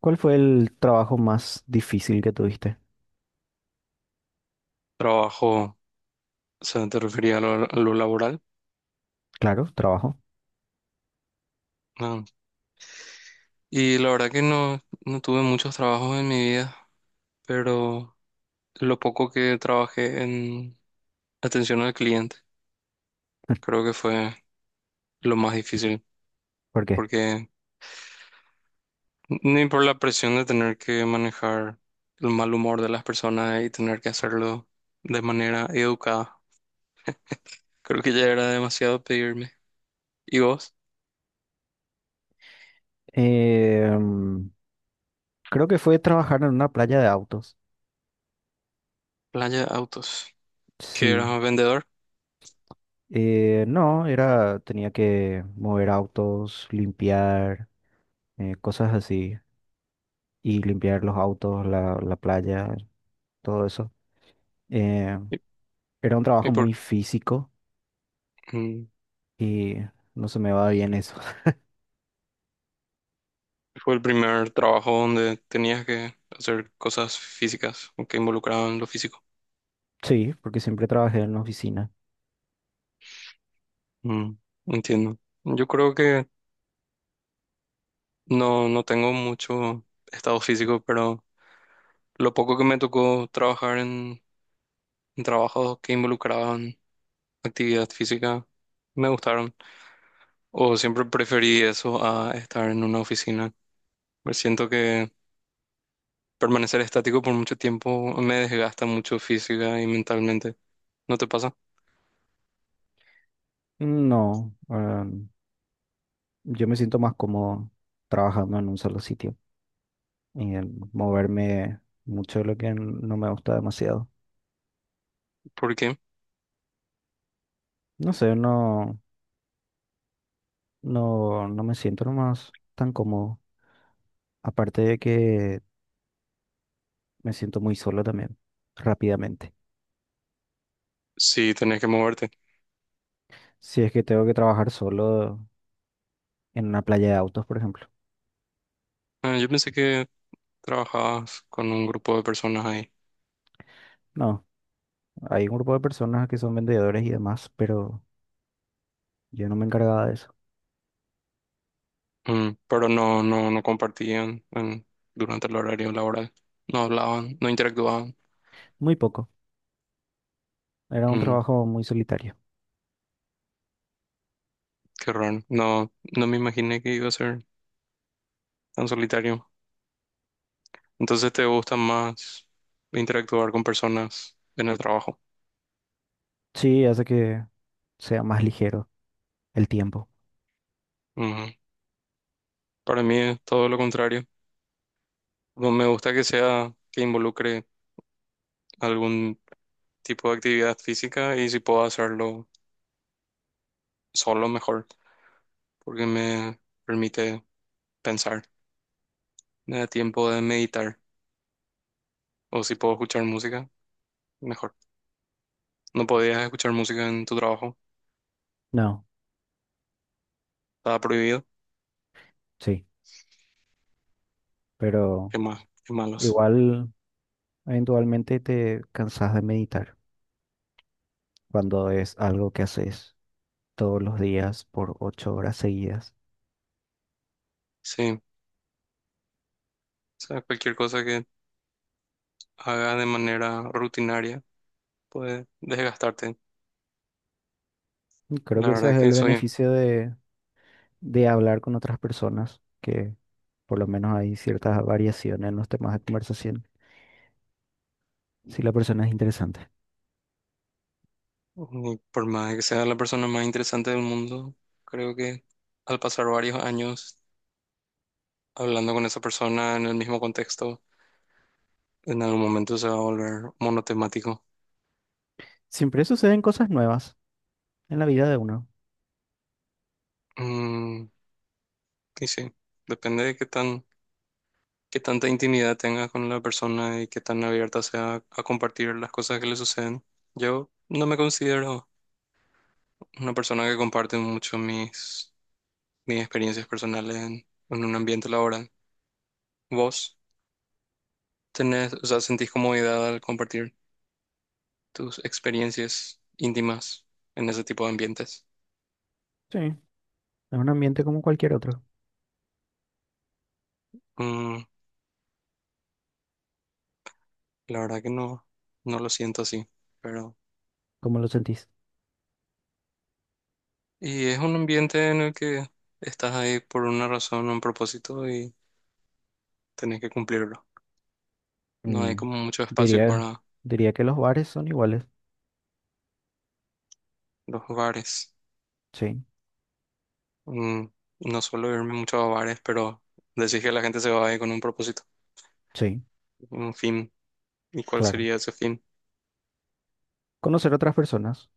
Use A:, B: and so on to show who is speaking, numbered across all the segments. A: ¿Cuál fue el trabajo más difícil que tuviste?
B: Trabajo, o sea, te refería a lo laboral.
A: Claro, trabajo.
B: Ah, y la verdad que no tuve muchos trabajos en mi vida, pero lo poco que trabajé en atención al cliente, creo que fue lo más difícil,
A: ¿Por qué?
B: porque ni por la presión de tener que manejar el mal humor de las personas y tener que hacerlo de manera educada, creo que ya era demasiado pedirme. ¿Y vos?
A: Em, Creo que fue trabajar en una playa de autos.
B: Playa Autos, que eras
A: Sí.
B: un vendedor.
A: No, tenía que mover autos, limpiar, cosas así. Y limpiar los autos, la playa, todo eso. Eh,
B: ¿Y,
A: Era un
B: y
A: trabajo muy
B: por,
A: físico
B: mm,
A: y no se me va bien eso.
B: fue el primer trabajo donde tenías que hacer cosas físicas o que involucraban lo físico.
A: Sí, porque siempre trabajé en la oficina.
B: Mm, entiendo. Yo creo que no tengo mucho estado físico, pero lo poco que me tocó trabajar en trabajos que involucraban actividad física me gustaron. O siempre preferí eso a estar en una oficina. Me siento que permanecer estático por mucho tiempo me desgasta mucho física y mentalmente. ¿No te pasa?
A: No, yo me siento más cómodo trabajando en un solo sitio y en moverme mucho de lo que no me gusta demasiado.
B: ¿Por qué?
A: No sé, no me siento nomás tan cómodo. Aparte de que me siento muy solo también, rápidamente.
B: Sí, tenés que moverte.
A: Si es que tengo que trabajar solo en una playa de autos, por ejemplo.
B: Ah, yo pensé que trabajabas con un grupo de personas ahí.
A: No, hay un grupo de personas que son vendedores y demás, pero yo no me encargaba de eso.
B: Mm, pero no compartían en- durante el horario laboral. No hablaban, no interactuaban.
A: Muy poco. Era un
B: Mm,
A: trabajo muy solitario.
B: qué raro. No, no me imaginé que iba a ser tan solitario. Entonces te gusta más interactuar con personas en el trabajo.
A: Sí, hace que sea más ligero el tiempo.
B: Ujú. Para mí es todo lo contrario. No me gusta que sea que involucre algún tipo de actividad física y si puedo hacerlo solo mejor, porque me permite pensar. Me da tiempo de meditar. O si puedo escuchar música, mejor. ¿No podías escuchar música en tu trabajo,
A: No.
B: estaba prohibido?
A: Sí, pero
B: Qué más, qué malos.
A: igual eventualmente te cansas de meditar cuando es algo que haces todos los días por 8 horas seguidas.
B: Sí, o sea, cualquier cosa que haga de manera rutinaria puede desgastarte.
A: Y creo
B: La
A: que ese es
B: verdad
A: el
B: que soy,
A: beneficio de hablar con otras personas, que por lo menos hay ciertas variaciones en los temas de conversación, si la persona es interesante.
B: y por más que sea la persona más interesante del mundo, creo que al pasar varios años hablando con esa persona en el mismo contexto, en algún momento se va a volver monotemático.
A: Siempre suceden cosas nuevas en la vida de uno.
B: Mm, y sí, depende de qué tan qué tanta intimidad tenga con la persona y qué tan abierta sea a compartir las cosas que le suceden. Yo no me considero una persona que comparte mucho mis, mis experiencias personales en un ambiente laboral. ¿Vos tenés, o sea, sentís comodidad al compartir tus experiencias íntimas en ese tipo de ambientes?
A: Sí, es un ambiente como cualquier otro.
B: Mm, la verdad que no, no lo siento así, pero...
A: ¿Cómo lo sentís?
B: Y es un ambiente en el que estás ahí por una razón, un propósito y tenés que cumplirlo. No hay
A: Mm,
B: como mucho espacio
A: diría,
B: para
A: diría que los bares son iguales.
B: los bares.
A: Sí,
B: Mm, no suelo irme mucho a bares, pero decís que la gente se va ahí con un propósito,
A: sí,
B: un fin. ¿Y cuál
A: claro.
B: sería ese fin?
A: Conocer otras personas.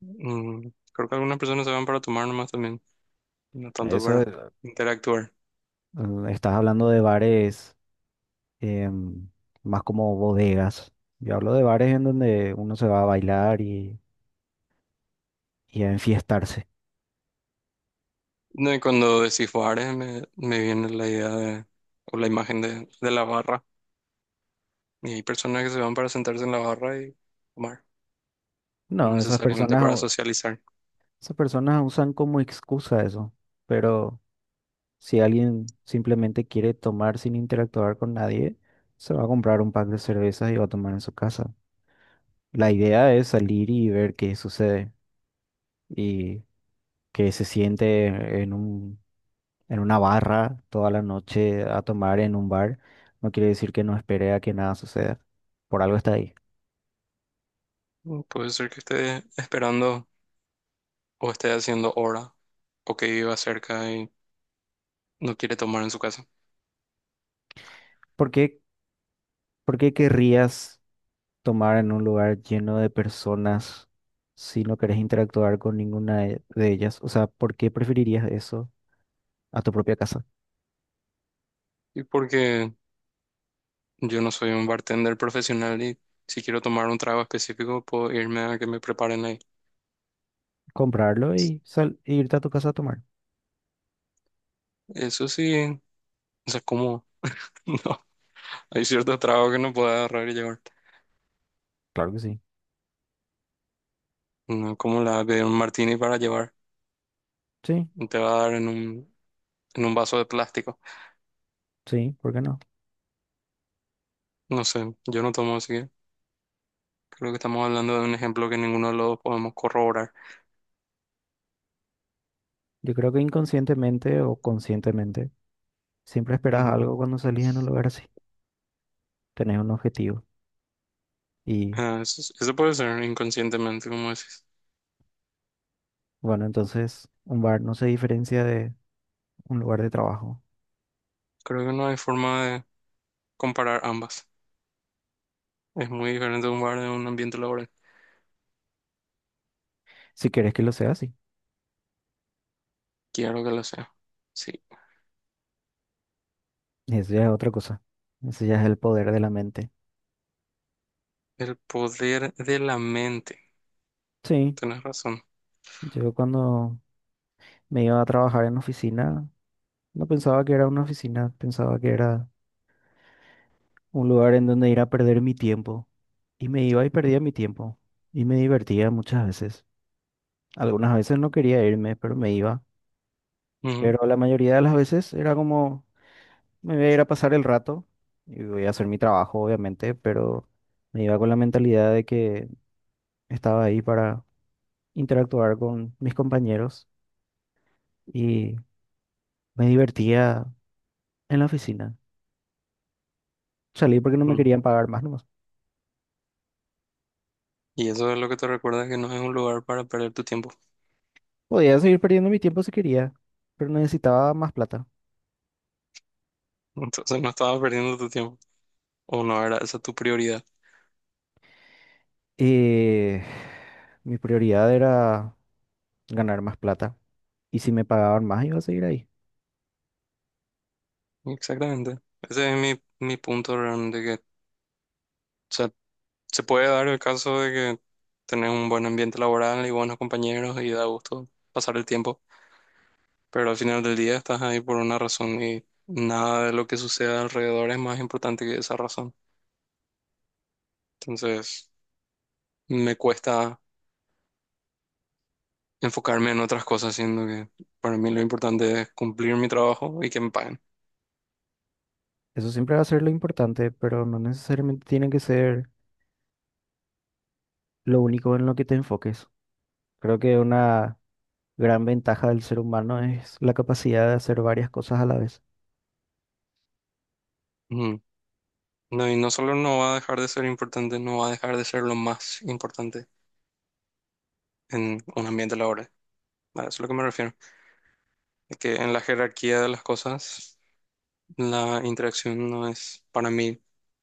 B: Mm, creo que algunas personas se van para tomar nomás también, no tanto
A: Eso,
B: para
A: es-
B: interactuar.
A: estás hablando de bares, em, más como bodegas. Yo hablo de bares en donde uno se va a bailar y a enfiestarse.
B: No, y cuando decís bares me, me viene la idea de, o la imagen de la barra. Y hay personas que se van para sentarse en la barra y tomar, no
A: No,
B: necesariamente para socializar.
A: esas personas usan como excusa eso. Pero si alguien simplemente quiere tomar sin interactuar con nadie, se va a comprar un pack de cervezas y va a tomar en su casa. La idea es salir y ver qué sucede y que se siente en un, en una barra toda la noche a tomar en un bar. No quiere decir que no espere a que nada suceda. Por algo está ahí.
B: Mm, puede ser que esté esperando o esté haciendo hora o que iba cerca y no quiere tomar en su casa.
A: ¿Por qué, por qué querrías tomar en un lugar lleno de personas si no querés interactuar con ninguna de ellas? O sea, ¿por qué preferirías eso a tu propia casa?
B: Y porque yo no soy un bartender profesional y si quiero tomar un trago específico, puedo irme a que me preparen ahí.
A: Comprarlo y sal e irte a tu casa a tomar.
B: Eso sí, o sea, como no, hay ciertos tragos que no puedes agarrar y llevar.
A: Claro que sí.
B: No como la de un martini para llevar,
A: Sí,
B: te va a dar en un vaso de plástico.
A: sí, ¿por qué no?
B: No sé, yo no tomo así que creo que estamos hablando de un ejemplo que ninguno de los dos podemos corroborar.
A: Yo creo que inconscientemente o conscientemente siempre esperas
B: Ujú.
A: algo cuando salís en un lugar así. Tenés un objetivo. Y
B: Ah, eso puede ser inconscientemente, como decís.
A: bueno, entonces un bar no se diferencia de un lugar de trabajo.
B: Creo que no hay forma de comparar ambas. Es muy diferente un bar de un ambiente laboral.
A: Si quieres que lo sea así.
B: Quiero que lo sea. Sí.
A: Y eso ya es otra cosa. Eso ya es el poder de la mente.
B: El poder de la mente.
A: Sí,
B: Tienes razón.
A: yo cuando me iba a trabajar en oficina, no pensaba que era una oficina, pensaba que era un lugar en donde ir a perder mi tiempo. Y me iba y perdía mi tiempo. Y me divertía muchas veces. Algunas veces no quería irme, pero me iba.
B: Ujú,
A: Pero la mayoría de las veces era como, me voy a ir a pasar el rato y voy a hacer mi trabajo, obviamente, pero me iba con la mentalidad de que estaba ahí para interactuar con mis compañeros y me divertía en la oficina. Salí porque no me
B: ujú.
A: querían pagar más nomás.
B: Y eso es lo que te recuerda que no es un lugar para perder tu tiempo.
A: Podía seguir perdiendo mi tiempo si quería, pero necesitaba más plata.
B: Entonces no estabas perdiendo tu tiempo. O no era esa tu prioridad.
A: Eh, mi prioridad era ganar más plata. Y si me pagaban más, iba a seguir ahí.
B: Exactamente. Ese es mi, mi punto realmente que, o sea, se puede dar el caso de que tenés un buen ambiente laboral y buenos compañeros y da gusto pasar el tiempo. Pero al final del día estás ahí por una razón y nada de lo que suceda alrededor es más importante que esa razón. Entonces, me cuesta enfocarme en otras cosas, siendo que para mí lo importante es cumplir mi trabajo y que me paguen.
A: Eso siempre va a ser lo importante, pero no necesariamente tiene que ser lo único en lo que te enfoques. Creo que una gran ventaja del ser humano es la capacidad de hacer varias cosas a la vez.
B: Ujú. No, y no solo no va a dejar de ser importante, no va a dejar de ser lo más importante en un ambiente laboral. A eso es lo que me refiero. Es que en la jerarquía de las cosas, la interacción no es para mí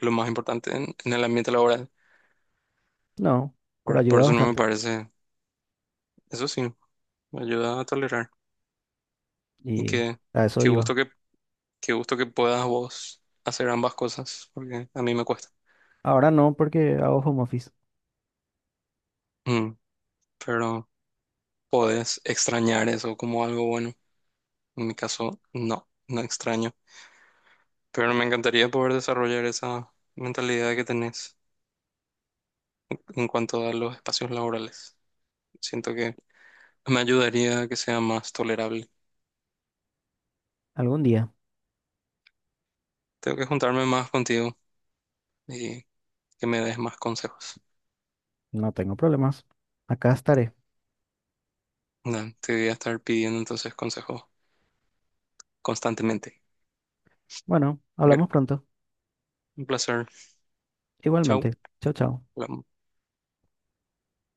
B: lo más importante en el ambiente laboral.
A: No, pero
B: Por
A: ayuda
B: eso no me
A: bastante.
B: parece, eso sí, me ayuda a tolerar. Y
A: Y
B: que,
A: a eso
B: qué gusto
A: iba.
B: que, qué gusto que puedas vos hacer ambas cosas, porque a mí me cuesta.
A: Ahora no, porque hago home office.
B: Mm, pero podés extrañar eso como algo bueno. En mi caso, no, no extraño. Pero me encantaría poder desarrollar esa mentalidad que tenés en cuanto a los espacios laborales. Siento que me ayudaría a que sea más tolerable.
A: Algún día.
B: Tengo que juntarme más contigo y que me des más consejos.
A: No tengo problemas. Acá estaré.
B: Nada, te voy a estar pidiendo entonces consejos constantemente.
A: Bueno,
B: Un
A: hablamos pronto.
B: placer. Chao.
A: Igualmente. Chao, chao.
B: Hola.